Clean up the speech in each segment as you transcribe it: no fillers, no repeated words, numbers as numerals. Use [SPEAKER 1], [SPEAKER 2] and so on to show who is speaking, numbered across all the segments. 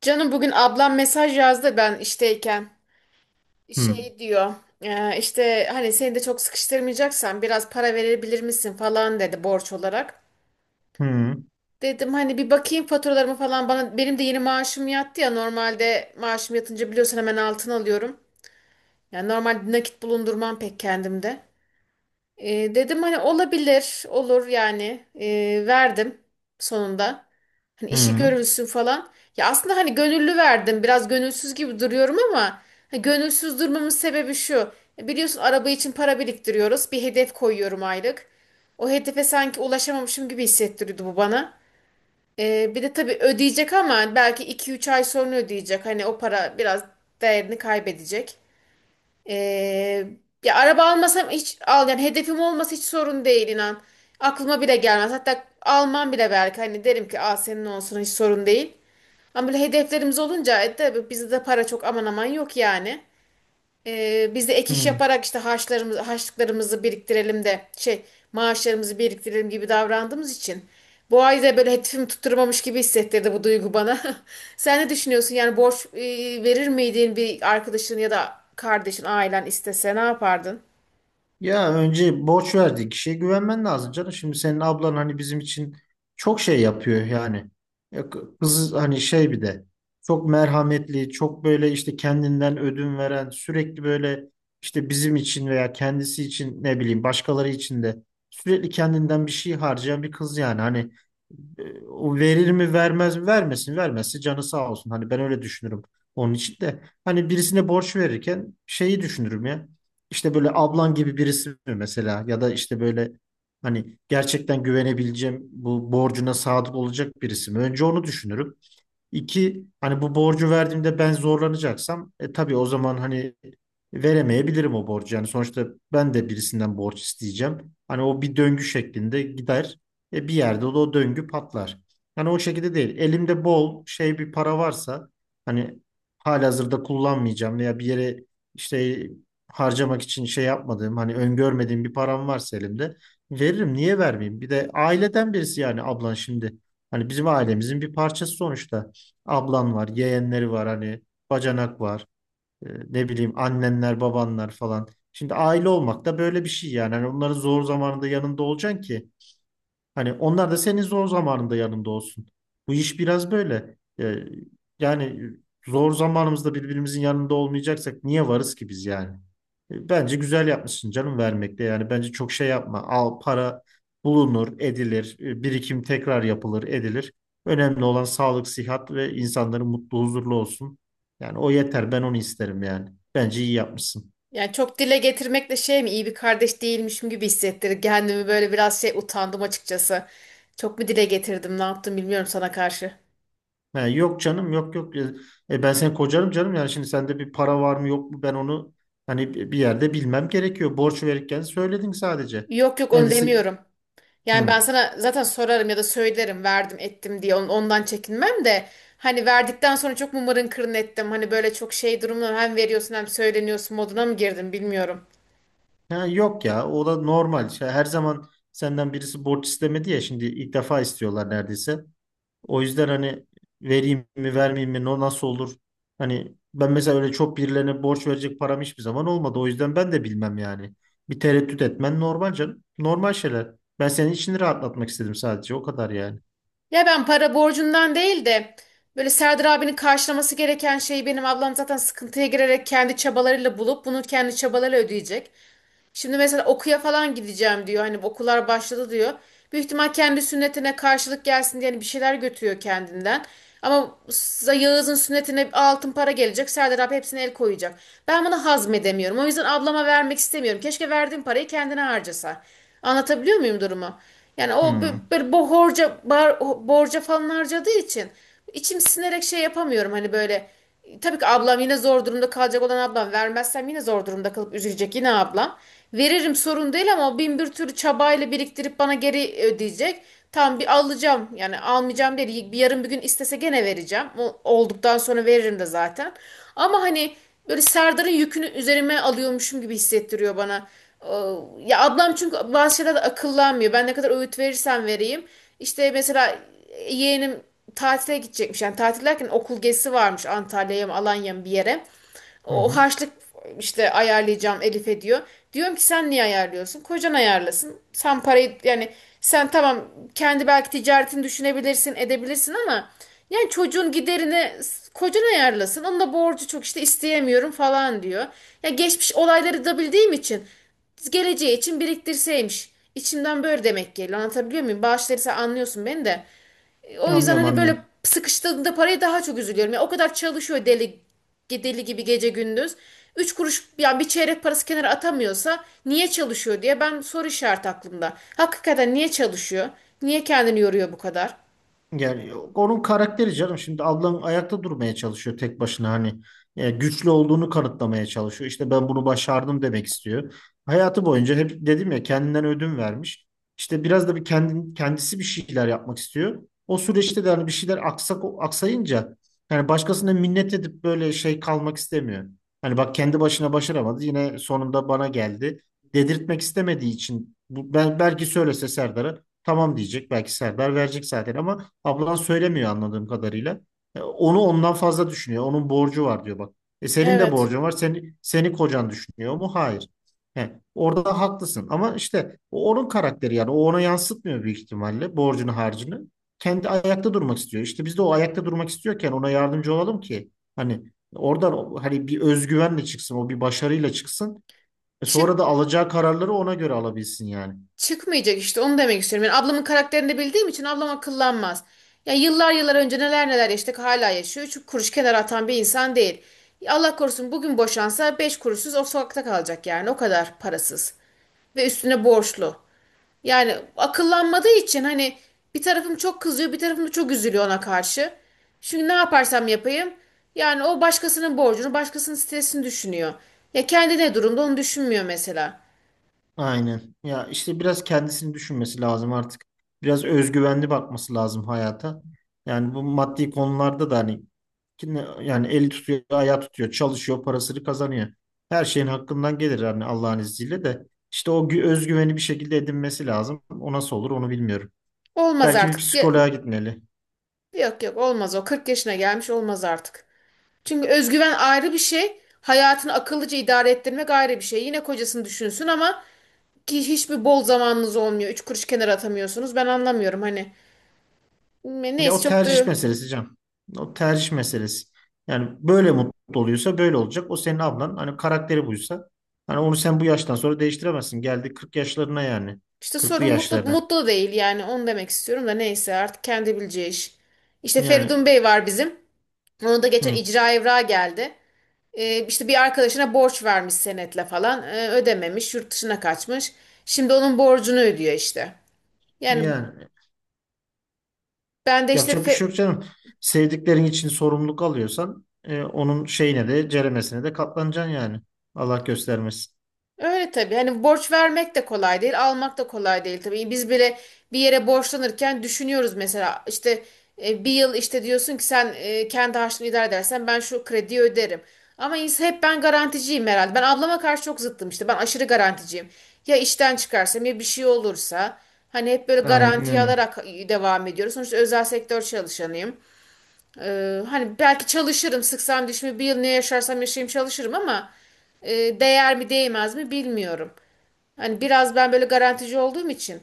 [SPEAKER 1] Canım bugün ablam mesaj yazdı ben işteyken.
[SPEAKER 2] Hı,
[SPEAKER 1] Şey diyor işte hani seni de çok sıkıştırmayacaksan biraz para verebilir misin falan dedi borç olarak.
[SPEAKER 2] hı,
[SPEAKER 1] Dedim hani bir bakayım faturalarımı falan bana benim de yeni maaşım yattı ya normalde maaşım yatınca biliyorsun hemen altın alıyorum. Yani normalde nakit bulundurmam pek kendimde. Dedim hani olabilir, olur yani. Verdim sonunda. Hani işi
[SPEAKER 2] hı,
[SPEAKER 1] görülsün falan. Ya aslında hani gönüllü verdim. Biraz gönülsüz gibi duruyorum ama hani gönülsüz durmamın sebebi şu. Biliyorsun araba için para biriktiriyoruz. Bir hedef koyuyorum aylık. O hedefe sanki ulaşamamışım gibi hissettiriyordu bu bana. Bir de tabii ödeyecek ama belki iki üç ay sonra ödeyecek. Hani o para biraz değerini kaybedecek. Ee, Ya araba almasam hiç al yani hedefim olması hiç sorun değil inan. Aklıma bile gelmez. Hatta almam bile belki hani derim ki Aa, senin olsun hiç sorun değil. Ama böyle hedeflerimiz olunca tabii bizde de para çok aman aman yok yani. Biz de ek iş
[SPEAKER 2] hı.
[SPEAKER 1] yaparak işte harçlarımızı, harçlıklarımızı biriktirelim de şey maaşlarımızı biriktirelim gibi davrandığımız için bu ay da böyle hedefimi tutturmamış gibi hissettirdi bu duygu bana. Sen ne düşünüyorsun? Yani borç verir miydin bir arkadaşın ya da kardeşin, ailen istese ne yapardın?
[SPEAKER 2] Ya önce borç verdiği kişiye güvenmen lazım canım. Şimdi senin ablan bizim için çok şey yapıyor yani. Kız hani, bir de çok merhametli, çok böyle işte kendinden ödün veren, sürekli böyle işte bizim için veya kendisi için ne bileyim başkaları için de sürekli kendinden bir şey harcayan bir kız yani. O verir mi vermez mi, vermesin, vermezse canı sağ olsun. Hani ben öyle düşünürüm onun için de. Hani birisine borç verirken şeyi düşünürüm ya. İşte böyle ablan gibi birisi mi mesela, ya da işte böyle hani gerçekten güvenebileceğim, bu borcuna sadık olacak birisi mi? Önce onu düşünürüm. İki, hani bu borcu verdiğimde ben zorlanacaksam tabii o zaman hani veremeyebilirim o borcu. Yani sonuçta ben de birisinden borç isteyeceğim. Hani o bir döngü şeklinde gider. Bir yerde de o döngü patlar. Hani o şekilde değil. Elimde bol şey bir para varsa hani halihazırda kullanmayacağım veya bir yere işte harcamak için şey yapmadığım, hani öngörmediğim bir param varsa elimde, veririm. Niye vermeyeyim? Bir de aileden birisi, yani ablan şimdi. Hani bizim ailemizin bir parçası sonuçta. Ablan var, yeğenleri var, hani bacanak var. E, ne bileyim, annenler, babanlar falan. Şimdi aile olmak da böyle bir şey yani. Hani onların zor zamanında yanında olacaksın ki hani onlar da senin zor zamanında yanında olsun. Bu iş biraz böyle. Yani zor zamanımızda birbirimizin yanında olmayacaksak niye varız ki biz yani? Bence güzel yapmışsın canım vermekte. Yani bence çok şey yapma. Al, para bulunur, edilir. Birikim tekrar yapılır, edilir. Önemli olan sağlık, sıhhat ve insanların mutlu, huzurlu olsun. Yani o yeter. Ben onu isterim yani. Bence iyi yapmışsın.
[SPEAKER 1] Yani çok dile getirmekle şey mi iyi bir kardeş değilmişim gibi hissettirdi. Kendimi böyle biraz şey utandım açıkçası. Çok mu dile getirdim, ne yaptım bilmiyorum sana karşı.
[SPEAKER 2] Ha, yok canım, yok yok. Ben seni kocarım canım, yani şimdi sende bir para var mı yok mu, ben onu hani bir yerde bilmem gerekiyor. Borç verirken söyledin sadece.
[SPEAKER 1] Yok yok onu
[SPEAKER 2] Kendisi.
[SPEAKER 1] demiyorum. Yani
[SPEAKER 2] Hı.
[SPEAKER 1] ben sana zaten sorarım ya da söylerim verdim ettim diye ondan çekinmem de hani verdikten sonra çok mımarın kırın ettim. Hani böyle çok şey durumda hem veriyorsun hem söyleniyorsun moduna mı girdim bilmiyorum.
[SPEAKER 2] Ha, yok ya, o da normal. Şey, her zaman senden birisi borç istemedi ya, şimdi ilk defa istiyorlar neredeyse. O yüzden hani vereyim mi vermeyeyim mi, nasıl olur? Hani ben mesela öyle çok birilerine borç verecek param hiçbir zaman olmadı. O yüzden ben de bilmem yani. Bir tereddüt etmen normal canım. Normal şeyler. Ben senin içini rahatlatmak istedim sadece. O kadar yani.
[SPEAKER 1] Ya ben para borcundan değil de böyle Serdar abinin karşılaması gereken şeyi benim ablam zaten sıkıntıya girerek kendi çabalarıyla bulup bunu kendi çabalarıyla ödeyecek. Şimdi mesela okuya falan gideceğim diyor. Hani okullar başladı diyor. Büyük ihtimal kendi sünnetine karşılık gelsin diye hani bir şeyler götürüyor kendinden. Ama Yağız'ın sünnetine altın para gelecek. Serdar abi hepsine el koyacak. Ben bunu hazmedemiyorum. O yüzden ablama vermek istemiyorum. Keşke verdiğim parayı kendine harcasa. Anlatabiliyor muyum durumu? Yani o
[SPEAKER 2] Hmm.
[SPEAKER 1] böyle bu horca, borca falan harcadığı için içim sinerek şey yapamıyorum. Hani böyle tabii ki ablam yine zor durumda kalacak olan ablam. Vermezsem yine zor durumda kalıp üzülecek yine ablam. Veririm sorun değil ama o bin bir türlü çabayla biriktirip bana geri ödeyecek. Tam bir alacağım yani almayacağım değil. Bir yarın bir gün istese gene vereceğim. O olduktan sonra veririm de zaten. Ama hani böyle Serdar'ın yükünü üzerime alıyormuşum gibi hissettiriyor bana. Ee, Ya ablam çünkü bazı şeyler de akıllanmıyor. Ben ne kadar öğüt verirsem vereyim. İşte mesela yeğenim tatile gidecekmiş. Yani tatil derken okul gezisi varmış Antalya'ya mı Alanya'ya mı bir yere.
[SPEAKER 2] Hı
[SPEAKER 1] O
[SPEAKER 2] hı.
[SPEAKER 1] harçlık işte ayarlayacağım Elif'e diyor. Diyorum ki sen niye ayarlıyorsun? Kocan ayarlasın. Sen parayı yani sen tamam kendi belki ticaretini düşünebilirsin edebilirsin ama yani çocuğun giderini kocan ayarlasın. Onun da borcu çok işte isteyemiyorum falan diyor. Ya geçmiş olayları da bildiğim için geleceği için biriktirseymiş. İçimden böyle demek geliyor. Anlatabiliyor muyum? Bağışları sen anlıyorsun beni de. O yüzden
[SPEAKER 2] Anlıyorum,
[SPEAKER 1] hani böyle
[SPEAKER 2] anlıyorum.
[SPEAKER 1] sıkıştığında paraya daha çok üzülüyorum. Ya o kadar çalışıyor deli deli gibi gece gündüz. Üç kuruş yani bir çeyrek parası kenara atamıyorsa niye çalışıyor diye ben soru işareti aklımda. Hakikaten niye çalışıyor? Niye kendini yoruyor bu kadar?
[SPEAKER 2] Yani onun karakteri canım, şimdi ablam ayakta durmaya çalışıyor tek başına, hani güçlü olduğunu kanıtlamaya çalışıyor. İşte ben bunu başardım demek istiyor. Hayatı boyunca hep dedim ya, kendinden ödün vermiş. İşte biraz da kendisi bir şeyler yapmak istiyor. O süreçte de hani bir şeyler aksayınca yani başkasına minnet edip böyle şey kalmak istemiyor. Hani bak, kendi başına başaramadı, yine sonunda bana geldi dedirtmek istemediği için bu. Ben belki söylese Serdar'a tamam diyecek, belki Serdar verecek zaten, ama ablan söylemiyor anladığım kadarıyla. Onu ondan fazla düşünüyor. Onun borcu var diyor bak. E senin de
[SPEAKER 1] Evet.
[SPEAKER 2] borcun var. Seni kocan düşünüyor mu? Hayır. He, orada haklısın. Ama işte o onun karakteri yani. O ona yansıtmıyor büyük ihtimalle borcunu, harcını. Kendi ayakta durmak istiyor. İşte biz de o ayakta durmak istiyorken ona yardımcı olalım ki hani oradan hani bir özgüvenle çıksın, O bir başarıyla çıksın. E
[SPEAKER 1] Çık
[SPEAKER 2] sonra da alacağı kararları ona göre alabilsin yani.
[SPEAKER 1] Çıkmayacak işte onu demek istiyorum. Yani ablamın karakterini de bildiğim için ablam akıllanmaz. Ya yıllar yıllar önce neler neler yaşadık hala yaşıyor. Üç kuruş kenara atan bir insan değil. Allah korusun bugün boşansa beş kuruşsuz o sokakta kalacak yani o kadar parasız ve üstüne borçlu. Yani akıllanmadığı için hani bir tarafım çok kızıyor, bir tarafım da çok üzülüyor ona karşı. Çünkü ne yaparsam yapayım yani o başkasının borcunu, başkasının stresini düşünüyor. Ya kendi ne durumda onu düşünmüyor mesela.
[SPEAKER 2] Aynen. Ya işte biraz kendisini düşünmesi lazım artık. Biraz özgüvenli bakması lazım hayata. Yani bu maddi konularda da hani yani eli tutuyor, ayağı tutuyor, çalışıyor, parasını kazanıyor. Her şeyin hakkından gelir yani Allah'ın izniyle de. İşte o özgüveni bir şekilde edinmesi lazım. O nasıl olur onu bilmiyorum.
[SPEAKER 1] Olmaz
[SPEAKER 2] Belki bir
[SPEAKER 1] artık.
[SPEAKER 2] psikoloğa gitmeli.
[SPEAKER 1] Yok yok olmaz o. Kırk yaşına gelmiş olmaz artık. Çünkü özgüven ayrı bir şey. Hayatını akıllıca idare ettirmek ayrı bir şey. Yine kocasını düşünsün ama ki hiçbir bol zamanınız olmuyor. Üç kuruş kenara atamıyorsunuz. Ben anlamıyorum hani.
[SPEAKER 2] Ya
[SPEAKER 1] Neyse
[SPEAKER 2] o
[SPEAKER 1] çok
[SPEAKER 2] tercih
[SPEAKER 1] da
[SPEAKER 2] meselesi Can. O tercih meselesi. Yani böyle mutlu oluyorsa böyle olacak. O senin ablan. Hani karakteri buysa, hani onu sen bu yaştan sonra değiştiremezsin. Geldi 40 yaşlarına yani,
[SPEAKER 1] İşte
[SPEAKER 2] kırklı
[SPEAKER 1] sorun mutlu
[SPEAKER 2] yaşlarına.
[SPEAKER 1] mutlu değil yani onu demek istiyorum da neyse artık kendi bileceği iş. İşte
[SPEAKER 2] Yani
[SPEAKER 1] Feridun Bey var bizim. Onun da geçen
[SPEAKER 2] hı,
[SPEAKER 1] icra evrağı geldi. İşte bir arkadaşına borç vermiş senetle falan. Ödememiş, yurt dışına kaçmış. Şimdi onun borcunu ödüyor işte. Yani
[SPEAKER 2] yani
[SPEAKER 1] ben de işte
[SPEAKER 2] yapacak bir şey yok canım. Sevdiklerin için sorumluluk alıyorsan onun şeyine de ceremesine de katlanacaksın yani. Allah göstermesin.
[SPEAKER 1] Öyle tabii. Hani borç vermek de kolay değil, almak da kolay değil tabii. Biz bile bir yere borçlanırken düşünüyoruz mesela işte bir yıl işte diyorsun ki sen kendi harçlığını idare edersen ben şu krediyi öderim. Ama hep ben garanticiyim herhalde. Ben ablama karşı çok zıttım işte. Ben aşırı garanticiyim. Ya işten çıkarsam ya bir şey olursa hani hep böyle
[SPEAKER 2] Aynen
[SPEAKER 1] garanti
[SPEAKER 2] öyle.
[SPEAKER 1] alarak devam ediyoruz. Sonuçta özel sektör çalışanıyım. Hani belki çalışırım sıksam dişimi bir yıl ne yaşarsam yaşayayım çalışırım ama değer mi değmez mi bilmiyorum. Hani biraz ben böyle garantici olduğum için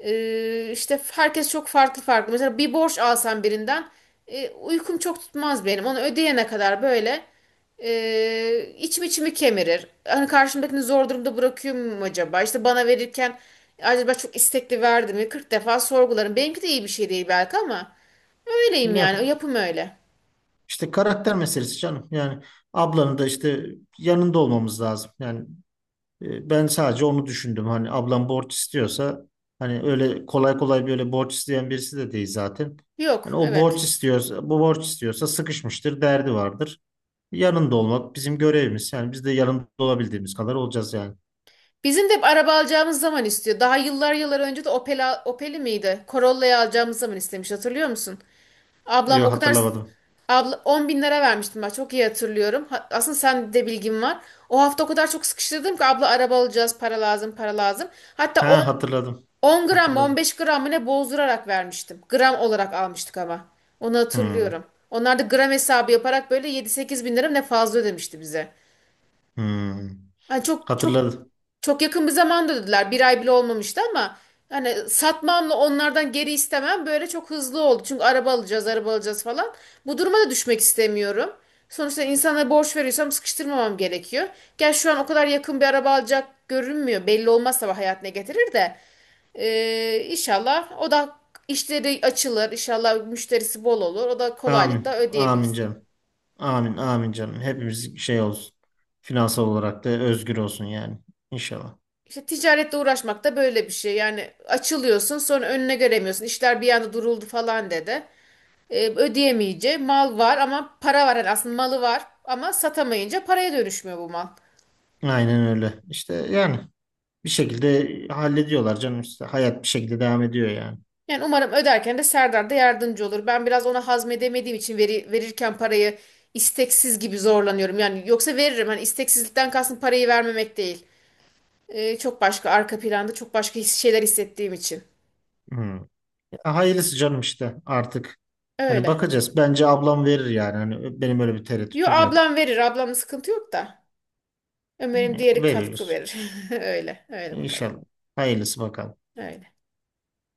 [SPEAKER 1] işte herkes çok farklı farklı. Mesela bir borç alsam birinden uykum çok tutmaz benim. Onu ödeyene kadar böyle içim içimi kemirir. Hani karşımdakini zor durumda bırakıyor muyum acaba? İşte bana verirken acaba çok istekli verdim mi? 40 defa sorgularım. Benimki de iyi bir şey değil belki ama. Öyleyim
[SPEAKER 2] Ya,
[SPEAKER 1] yani. O yapım öyle.
[SPEAKER 2] işte karakter meselesi canım. Yani ablanın da işte yanında olmamız lazım. Ben sadece onu düşündüm. Hani ablam borç istiyorsa, hani öyle kolay kolay böyle borç isteyen birisi de değil zaten. Hani
[SPEAKER 1] Yok,
[SPEAKER 2] o borç
[SPEAKER 1] evet.
[SPEAKER 2] istiyorsa, bu borç istiyorsa sıkışmıştır, derdi vardır. Yanında olmak bizim görevimiz. Yani biz de yanında olabildiğimiz kadar olacağız yani.
[SPEAKER 1] Bizim de hep araba alacağımız zaman istiyor. Daha yıllar yıllar önce de Opel, Opel'i miydi? Corolla'yı alacağımız zaman istemiş. Hatırlıyor musun? Ablam
[SPEAKER 2] Yok,
[SPEAKER 1] o kadar
[SPEAKER 2] hatırlamadım.
[SPEAKER 1] abla 10 bin lira vermiştim ben çok iyi hatırlıyorum. Aslında sen de bilgin var. O hafta o kadar çok sıkıştırdım ki abla araba alacağız para lazım para lazım. Hatta
[SPEAKER 2] Ha, hatırladım.
[SPEAKER 1] 10 gram mı
[SPEAKER 2] Hatırladım.
[SPEAKER 1] 15 gram mı ne bozdurarak vermiştim. Gram olarak almıştık ama. Onu
[SPEAKER 2] Hmm,
[SPEAKER 1] hatırlıyorum. Onlar da gram hesabı yaparak böyle 7-8 bin lira mı ne fazla ödemişti bize.
[SPEAKER 2] hmm.
[SPEAKER 1] Yani çok çok
[SPEAKER 2] Hatırladım.
[SPEAKER 1] çok yakın bir zamanda dediler. Bir ay bile olmamıştı ama hani satmamla onlardan geri istemem böyle çok hızlı oldu. Çünkü araba alacağız, araba alacağız falan. Bu duruma da düşmek istemiyorum. Sonuçta insana borç veriyorsam sıkıştırmamam gerekiyor. Gel şu an o kadar yakın bir araba alacak görünmüyor. Belli olmaz tabii hayat ne getirir de. İnşallah o da işleri açılır. İnşallah müşterisi bol olur. O da
[SPEAKER 2] Amin.
[SPEAKER 1] kolaylıkla
[SPEAKER 2] Amin
[SPEAKER 1] ödeyebilsin.
[SPEAKER 2] canım. Amin. Amin canım. Hepimiz şey olsun. Finansal olarak da özgür olsun yani. İnşallah.
[SPEAKER 1] İşte ticaretle uğraşmak da böyle bir şey. Yani açılıyorsun sonra önüne göremiyorsun. İşler bir anda duruldu falan dedi. Ödeyemeyince mal var ama para var. Yani aslında malı var ama satamayınca paraya dönüşmüyor bu mal.
[SPEAKER 2] Aynen öyle. İşte yani bir şekilde hallediyorlar canım işte. Hayat bir şekilde devam ediyor yani.
[SPEAKER 1] Yani umarım öderken de Serdar da yardımcı olur. Ben biraz ona hazmedemediğim için verirken parayı isteksiz gibi zorlanıyorum. Yani yoksa veririm. Hani isteksizlikten kastım parayı vermemek değil. Çok başka arka planda çok başka şeyler hissettiğim için.
[SPEAKER 2] Hmm. Ya hayırlısı canım işte artık. Hani
[SPEAKER 1] Öyle.
[SPEAKER 2] bakacağız. Bence ablam verir yani. Hani benim öyle bir
[SPEAKER 1] Yo
[SPEAKER 2] tereddütüm yok.
[SPEAKER 1] ablam verir. Ablamla sıkıntı yok da. Umarım
[SPEAKER 2] Ee,
[SPEAKER 1] diğeri katkı
[SPEAKER 2] Veriyoruz.
[SPEAKER 1] verir. Öyle, öyle bakalım.
[SPEAKER 2] İnşallah. Hayırlısı bakalım.
[SPEAKER 1] Öyle.